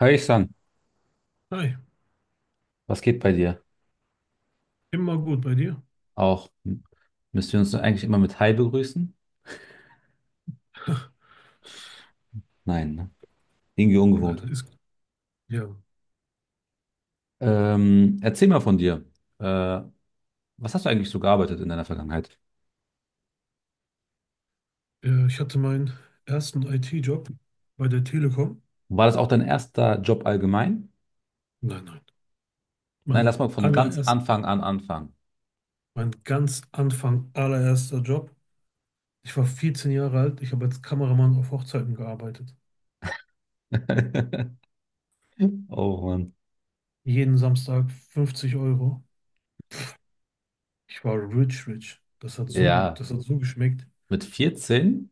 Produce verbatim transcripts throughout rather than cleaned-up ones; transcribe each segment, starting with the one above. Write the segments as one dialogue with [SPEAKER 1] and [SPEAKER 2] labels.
[SPEAKER 1] Hi, Ihsan,
[SPEAKER 2] Hi,
[SPEAKER 1] was geht bei dir?
[SPEAKER 2] immer gut bei dir?
[SPEAKER 1] Auch hm, müssen wir uns eigentlich immer mit Hi begrüßen? Nein, ne? Irgendwie
[SPEAKER 2] Nein,
[SPEAKER 1] ungewohnt.
[SPEAKER 2] das ist ja.
[SPEAKER 1] Ähm, erzähl mal von dir. Äh, Was hast du eigentlich so gearbeitet in deiner Vergangenheit?
[SPEAKER 2] Äh, Ich hatte meinen ersten I T-Job bei der Telekom.
[SPEAKER 1] War das auch dein erster Job allgemein?
[SPEAKER 2] Nein, nein.
[SPEAKER 1] Nein,
[SPEAKER 2] Mein
[SPEAKER 1] lass mal von ganz
[SPEAKER 2] allererst,
[SPEAKER 1] Anfang an anfangen.
[SPEAKER 2] Mein ganz Anfang allererster Job. Ich war vierzehn Jahre alt. Ich habe als Kameramann auf Hochzeiten gearbeitet.
[SPEAKER 1] Oh Mann.
[SPEAKER 2] Jeden Samstag fünfzig Euro. Ich war rich, rich. Das hat so gut,
[SPEAKER 1] Ja,
[SPEAKER 2] das hat so geschmeckt.
[SPEAKER 1] mit vierzehn,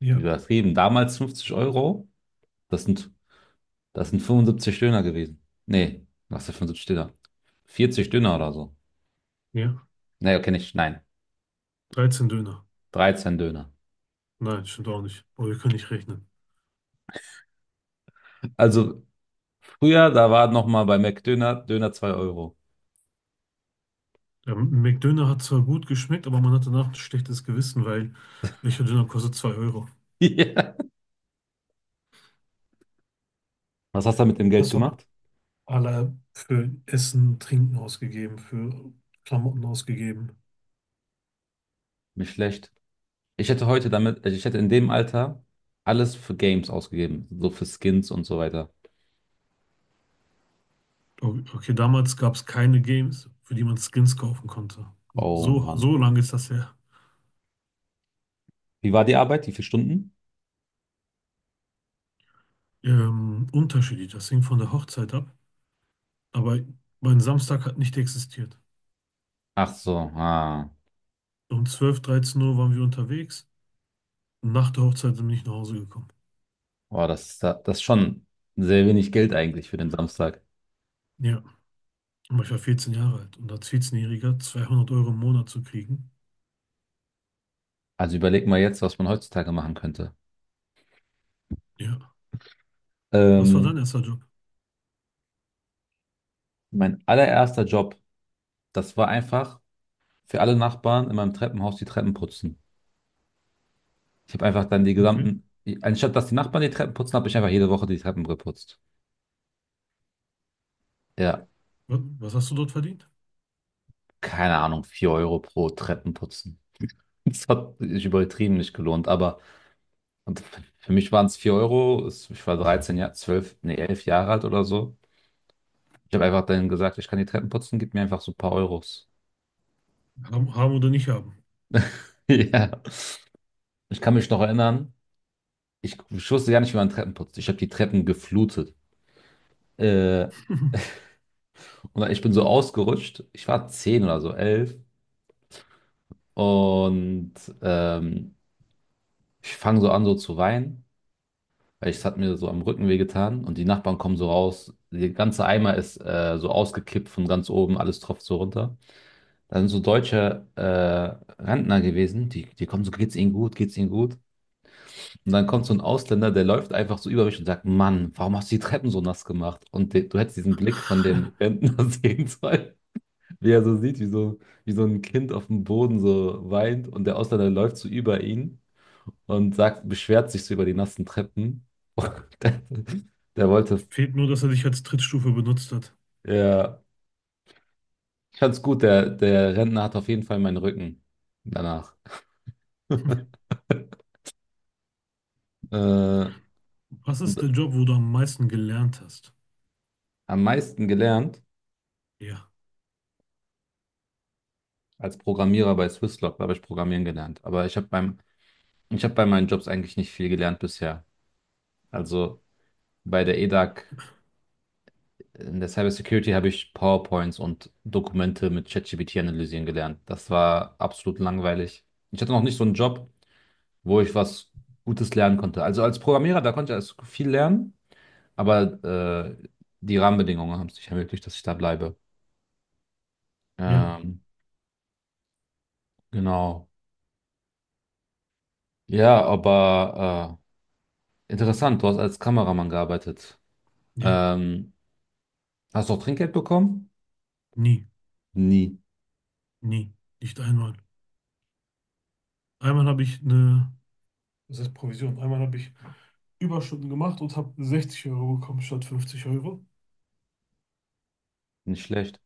[SPEAKER 2] Ja,
[SPEAKER 1] übertrieben, damals fünfzig Euro, das sind, das sind fünfundsiebzig Döner gewesen. Nee, was für fünfundsiebzig Döner? vierzig Döner oder so.
[SPEAKER 2] ja.
[SPEAKER 1] Nee, okay, nicht, nein.
[SPEAKER 2] dreizehn Döner.
[SPEAKER 1] dreizehn Döner.
[SPEAKER 2] Nein, stimmt auch nicht. Oh, wir können nicht rechnen.
[SPEAKER 1] Also früher, da war noch mal bei McDöner, Döner zwei Euro.
[SPEAKER 2] Der McDöner hat zwar gut geschmeckt, aber man hat danach ein schlechtes Gewissen, weil welcher Döner kostet zwei Euro?
[SPEAKER 1] Ja. Was hast du mit dem Geld
[SPEAKER 2] Das haben wir
[SPEAKER 1] gemacht?
[SPEAKER 2] alle für Essen, Trinken ausgegeben, für Klamotten ausgegeben.
[SPEAKER 1] Nicht schlecht. Ich hätte heute damit, also ich hätte in dem Alter alles für Games ausgegeben, so für Skins und so weiter.
[SPEAKER 2] O- Okay, damals gab es keine Games, für die man Skins kaufen konnte.
[SPEAKER 1] Oh
[SPEAKER 2] So,
[SPEAKER 1] Mann.
[SPEAKER 2] so lange ist das her.
[SPEAKER 1] Wie war die Arbeit? Wie viele Stunden?
[SPEAKER 2] Ähm, unterschiedlich, das hing von der Hochzeit ab. Aber mein Samstag hat nicht existiert.
[SPEAKER 1] Ach so, ah.
[SPEAKER 2] Um zwölf, dreizehn Uhr waren wir unterwegs. Nach der Hochzeit sind wir nicht nach Hause gekommen.
[SPEAKER 1] Boah, das ist, da- das ist schon sehr wenig Geld eigentlich für den Samstag.
[SPEAKER 2] Ja. Aber ich war vierzehn Jahre alt und als vierzehn-Jähriger zweihundert Euro im Monat zu kriegen.
[SPEAKER 1] Also überleg mal jetzt, was man heutzutage machen könnte.
[SPEAKER 2] Ja. Was war dein
[SPEAKER 1] Ähm,
[SPEAKER 2] erster Job?
[SPEAKER 1] Mein allererster Job, das war einfach für alle Nachbarn in meinem Treppenhaus die Treppen putzen. Ich habe einfach dann die
[SPEAKER 2] Okay.
[SPEAKER 1] gesamten, anstatt dass die Nachbarn die Treppen putzen, habe ich einfach jede Woche die Treppen geputzt. Ja,
[SPEAKER 2] Wa- Was hast du dort verdient?
[SPEAKER 1] keine Ahnung, vier Euro pro Treppenputzen. Das hat sich übertrieben nicht gelohnt, aber und für mich waren es vier Euro. Es- Ich war dreizehn Jahre, zwölf, nee, elf Jahre alt oder so. Ich habe einfach dann gesagt, ich kann die Treppen putzen, gib mir einfach so ein paar Euros.
[SPEAKER 2] Haben, haben oder nicht haben?
[SPEAKER 1] Ja, ich kann mich noch erinnern, ich, ich wusste gar nicht, wie man Treppen putzt. Ich habe die Treppen geflutet. Äh, und ich bin so ausgerutscht. Ich war zehn oder so, elf. Und ähm, Ich fange so an, so zu weinen, weil es hat mir so am Rücken wehgetan und die Nachbarn kommen so raus. Der ganze Eimer ist äh, so ausgekippt von ganz oben, alles tropft so runter. Da sind so deutsche äh, Rentner gewesen, die, die kommen so, geht's ihnen gut, geht's ihnen gut. Und dann kommt so ein Ausländer, der läuft einfach so über mich und sagt, Mann, warum hast du die Treppen so nass gemacht? Und de, du hättest diesen Blick von dem Rentner sehen sollen, wie er so sieht, wie so, wie so ein Kind auf dem Boden so weint und der Ausländer läuft so über ihn und sagt, beschwert sich so über die nassen Treppen. Und der, der wollte,
[SPEAKER 2] Fehlt nur, dass er dich als Trittstufe benutzt hat.
[SPEAKER 1] ja, ich fand's gut, der, der Rentner hat auf jeden Fall meinen Rücken danach. Äh,
[SPEAKER 2] Was ist
[SPEAKER 1] und
[SPEAKER 2] der Job, wo du am meisten gelernt hast?
[SPEAKER 1] Am meisten gelernt
[SPEAKER 2] Ja.
[SPEAKER 1] als Programmierer bei Swisslog, da habe ich Programmieren gelernt. Aber ich habe beim, ich habe bei meinen Jobs eigentlich nicht viel gelernt bisher. Also bei der E D A G, in der Cybersecurity habe ich PowerPoints und Dokumente mit ChatGPT analysieren gelernt. Das war absolut langweilig. Ich hatte noch nicht so einen Job, wo ich was Gutes lernen konnte. Also als Programmierer, da konnte ich also viel lernen, aber äh, die Rahmenbedingungen haben es nicht ermöglicht, dass ich da bleibe.
[SPEAKER 2] Ja.
[SPEAKER 1] Ähm, genau. Ja, aber äh, interessant, du hast als Kameramann gearbeitet.
[SPEAKER 2] Ja.
[SPEAKER 1] Ähm, Hast du auch Trinkgeld bekommen?
[SPEAKER 2] Nie.
[SPEAKER 1] Nie.
[SPEAKER 2] Nie. Nicht einmal. Einmal habe ich eine, das heißt Provision, einmal habe ich Überstunden gemacht und habe sechzig Euro bekommen statt fünfzig Euro.
[SPEAKER 1] Nicht schlecht.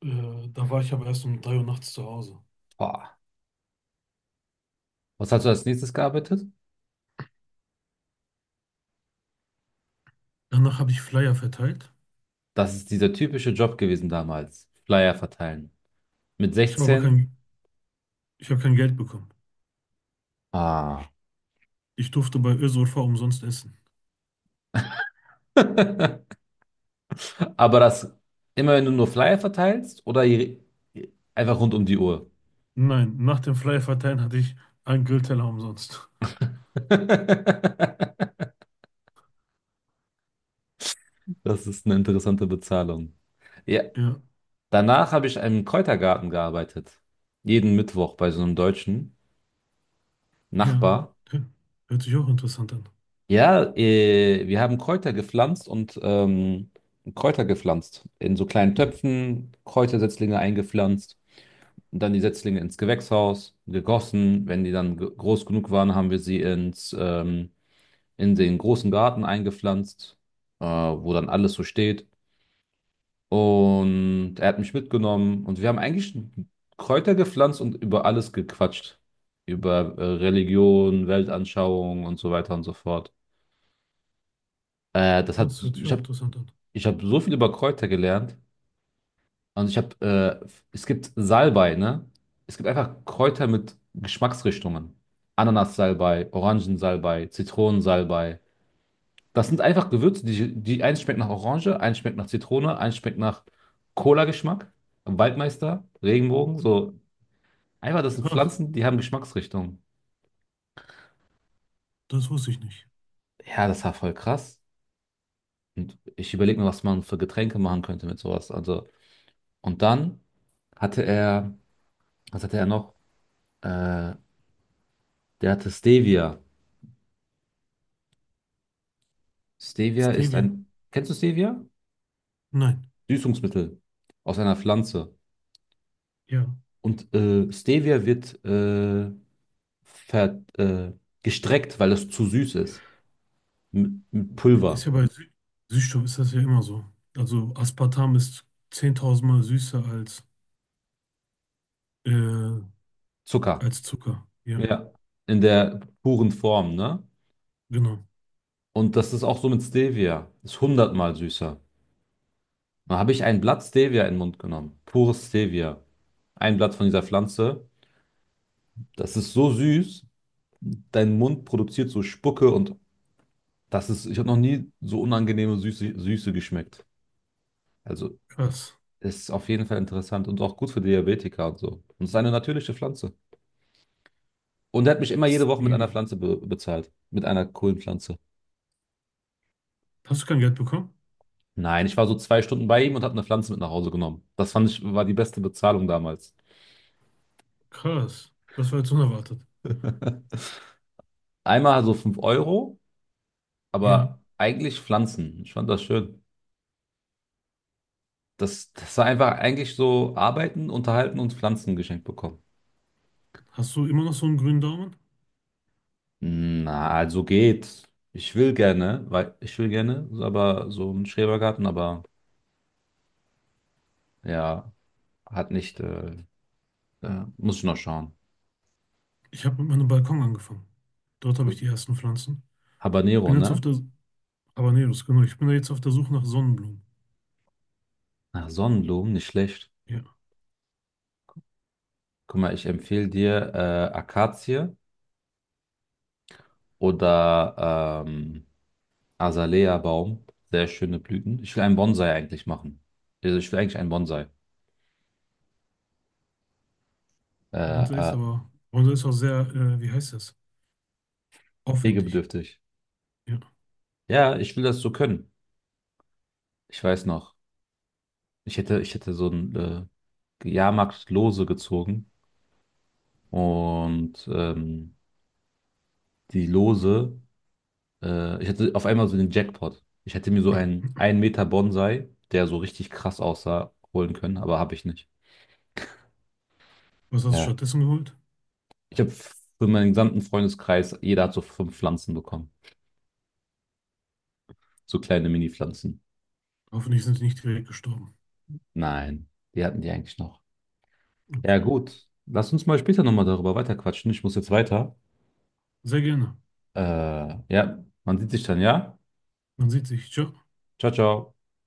[SPEAKER 2] Äh, da war ich aber erst um drei Uhr nachts zu Hause.
[SPEAKER 1] Boah. Was hast du als nächstes gearbeitet?
[SPEAKER 2] Danach habe ich Flyer verteilt.
[SPEAKER 1] Das ist dieser typische Job gewesen damals. Flyer verteilen. Mit
[SPEAKER 2] Ich habe aber
[SPEAKER 1] sechzehn?
[SPEAKER 2] kein Ich habe kein Geld bekommen.
[SPEAKER 1] Ah.
[SPEAKER 2] Ich durfte bei Özurfa umsonst essen.
[SPEAKER 1] Aber das immer, wenn du nur Flyer verteilst oder je- einfach rund um die Uhr.
[SPEAKER 2] Nein, nach dem Freie Verteilen hatte ich einen Grillteller umsonst.
[SPEAKER 1] Das ist eine interessante Bezahlung. Ja,
[SPEAKER 2] Ja,
[SPEAKER 1] danach habe ich im Kräutergarten gearbeitet. Jeden Mittwoch bei so einem deutschen
[SPEAKER 2] ja.
[SPEAKER 1] Nachbar.
[SPEAKER 2] Hä? Hört sich auch interessant an.
[SPEAKER 1] Ja, äh, wir haben Kräuter gepflanzt und ähm, Kräuter gepflanzt. In so kleinen Töpfen, Kräutersetzlinge eingepflanzt und dann die Setzlinge ins Gewächshaus gegossen. Wenn die dann ge- groß genug waren, haben wir sie ins ähm, in den großen Garten eingepflanzt, äh, wo dann alles so steht. Und er hat mich mitgenommen und wir haben eigentlich Kräuter gepflanzt und über alles gequatscht. Über äh, Religion, Weltanschauung und so weiter und so fort. Äh, das hat,
[SPEAKER 2] Das
[SPEAKER 1] so-
[SPEAKER 2] hört sich
[SPEAKER 1] ich
[SPEAKER 2] auch
[SPEAKER 1] habe
[SPEAKER 2] interessant an.
[SPEAKER 1] ich hab so viel über Kräuter gelernt. Und ich habe, äh, es gibt Salbei, ne? Es gibt einfach Kräuter mit Geschmacksrichtungen. Ananassalbei, Orangensalbei, Zitronensalbei. Das sind einfach Gewürze, die, die eins schmeckt nach Orange, eins schmeckt nach Zitrone, eins schmeckt nach Cola-Geschmack, Waldmeister, Regenbogen, so. Einfach, das sind
[SPEAKER 2] Krass,
[SPEAKER 1] Pflanzen, die haben Geschmacksrichtungen.
[SPEAKER 2] das wusste ich nicht.
[SPEAKER 1] Ja, das war voll krass. Und ich überlege mir, was man für Getränke machen könnte mit sowas. Also, und dann hatte er, was hatte er noch? Äh, Der hatte Stevia. Stevia ist
[SPEAKER 2] Stevia?
[SPEAKER 1] ein, kennst du Stevia?
[SPEAKER 2] Nein.
[SPEAKER 1] Süßungsmittel aus einer Pflanze.
[SPEAKER 2] Ja.
[SPEAKER 1] Und äh, Stevia wird äh, ver, äh, gestreckt, weil es zu süß ist. Mit, mit
[SPEAKER 2] Ist
[SPEAKER 1] Pulver,
[SPEAKER 2] ja bei Sü Süßstoff ist das ja immer so. Also Aspartam ist zehntausend Mal süßer als, äh,
[SPEAKER 1] Zucker.
[SPEAKER 2] als Zucker. Ja,
[SPEAKER 1] Ja. In der puren Form, ne?
[SPEAKER 2] genau.
[SPEAKER 1] Und das ist auch so mit Stevia. Ist hundertmal süßer. Da habe ich ein Blatt Stevia in den Mund genommen. Pures Stevia. Ein Blatt von dieser Pflanze. Das ist so süß. Dein Mund produziert so Spucke und das ist, ich habe noch nie so unangenehme Süße, Süße geschmeckt. Also
[SPEAKER 2] Krass.
[SPEAKER 1] Ist auf jeden Fall interessant und auch gut für Diabetiker und so. Und es ist eine natürliche Pflanze. Und er hat mich immer jede Woche mit einer
[SPEAKER 2] Stevia.
[SPEAKER 1] Pflanze be bezahlt. Mit einer Kohlenpflanze.
[SPEAKER 2] Hast du kein Geld bekommen?
[SPEAKER 1] Nein, ich war so zwei Stunden bei ihm und habe eine Pflanze mit nach Hause genommen. Das fand ich, war die beste Bezahlung damals.
[SPEAKER 2] Krass. Das war jetzt unerwartet.
[SPEAKER 1] Einmal so fünf Euro,
[SPEAKER 2] Ja.
[SPEAKER 1] aber eigentlich Pflanzen. Ich fand das schön. Das, das war einfach eigentlich so arbeiten, unterhalten und Pflanzen geschenkt bekommen.
[SPEAKER 2] Hast du immer noch so einen grünen Daumen?
[SPEAKER 1] Na, also geht. Ich will gerne, weil ich will gerne, aber so einen Schrebergarten, aber ja, Hat nicht, äh, äh, muss ich noch schauen.
[SPEAKER 2] Ich habe mit meinem Balkon angefangen. Dort habe ich die ersten Pflanzen. Ich
[SPEAKER 1] Habanero,
[SPEAKER 2] bin jetzt auf
[SPEAKER 1] ne?
[SPEAKER 2] der Habaneros, genau. Ich bin da jetzt auf der Suche nach Sonnenblumen.
[SPEAKER 1] Ach, Sonnenblumen, nicht schlecht.
[SPEAKER 2] Ja,
[SPEAKER 1] Guck mal, ich empfehle dir äh, Akazie oder ähm, Azalea-Baum. Sehr schöne Blüten. Ich will einen Bonsai eigentlich machen. Also ich will eigentlich einen Bonsai. Äh,
[SPEAKER 2] Bonsai ist
[SPEAKER 1] äh,
[SPEAKER 2] aber Bonsai ist auch sehr, äh, wie heißt das? Aufwendig.
[SPEAKER 1] pflegebedürftig.
[SPEAKER 2] Ja.
[SPEAKER 1] Ja, ich will das so können. Ich weiß noch. Ich hätte, ich hätte so ein äh, Jahrmarkt-Lose gezogen und ähm, die Lose Äh, ich hatte auf einmal so den Jackpot. Ich hätte mir so einen ein Meter Bonsai, der so richtig krass aussah, holen können, aber habe ich nicht.
[SPEAKER 2] Was hast du
[SPEAKER 1] Ja.
[SPEAKER 2] stattdessen geholt?
[SPEAKER 1] Ich habe für meinen gesamten Freundeskreis, jeder hat so fünf Pflanzen bekommen. So kleine Mini-Pflanzen.
[SPEAKER 2] Hoffentlich sind die nicht direkt gestorben.
[SPEAKER 1] Nein, die hatten die eigentlich noch. Ja,
[SPEAKER 2] Okay.
[SPEAKER 1] gut. Lass uns mal später nochmal darüber weiterquatschen. Ich muss jetzt weiter.
[SPEAKER 2] Sehr gerne.
[SPEAKER 1] Äh, ja, man sieht sich dann, ja?
[SPEAKER 2] Man sieht sich. Ciao.
[SPEAKER 1] Ciao, ciao.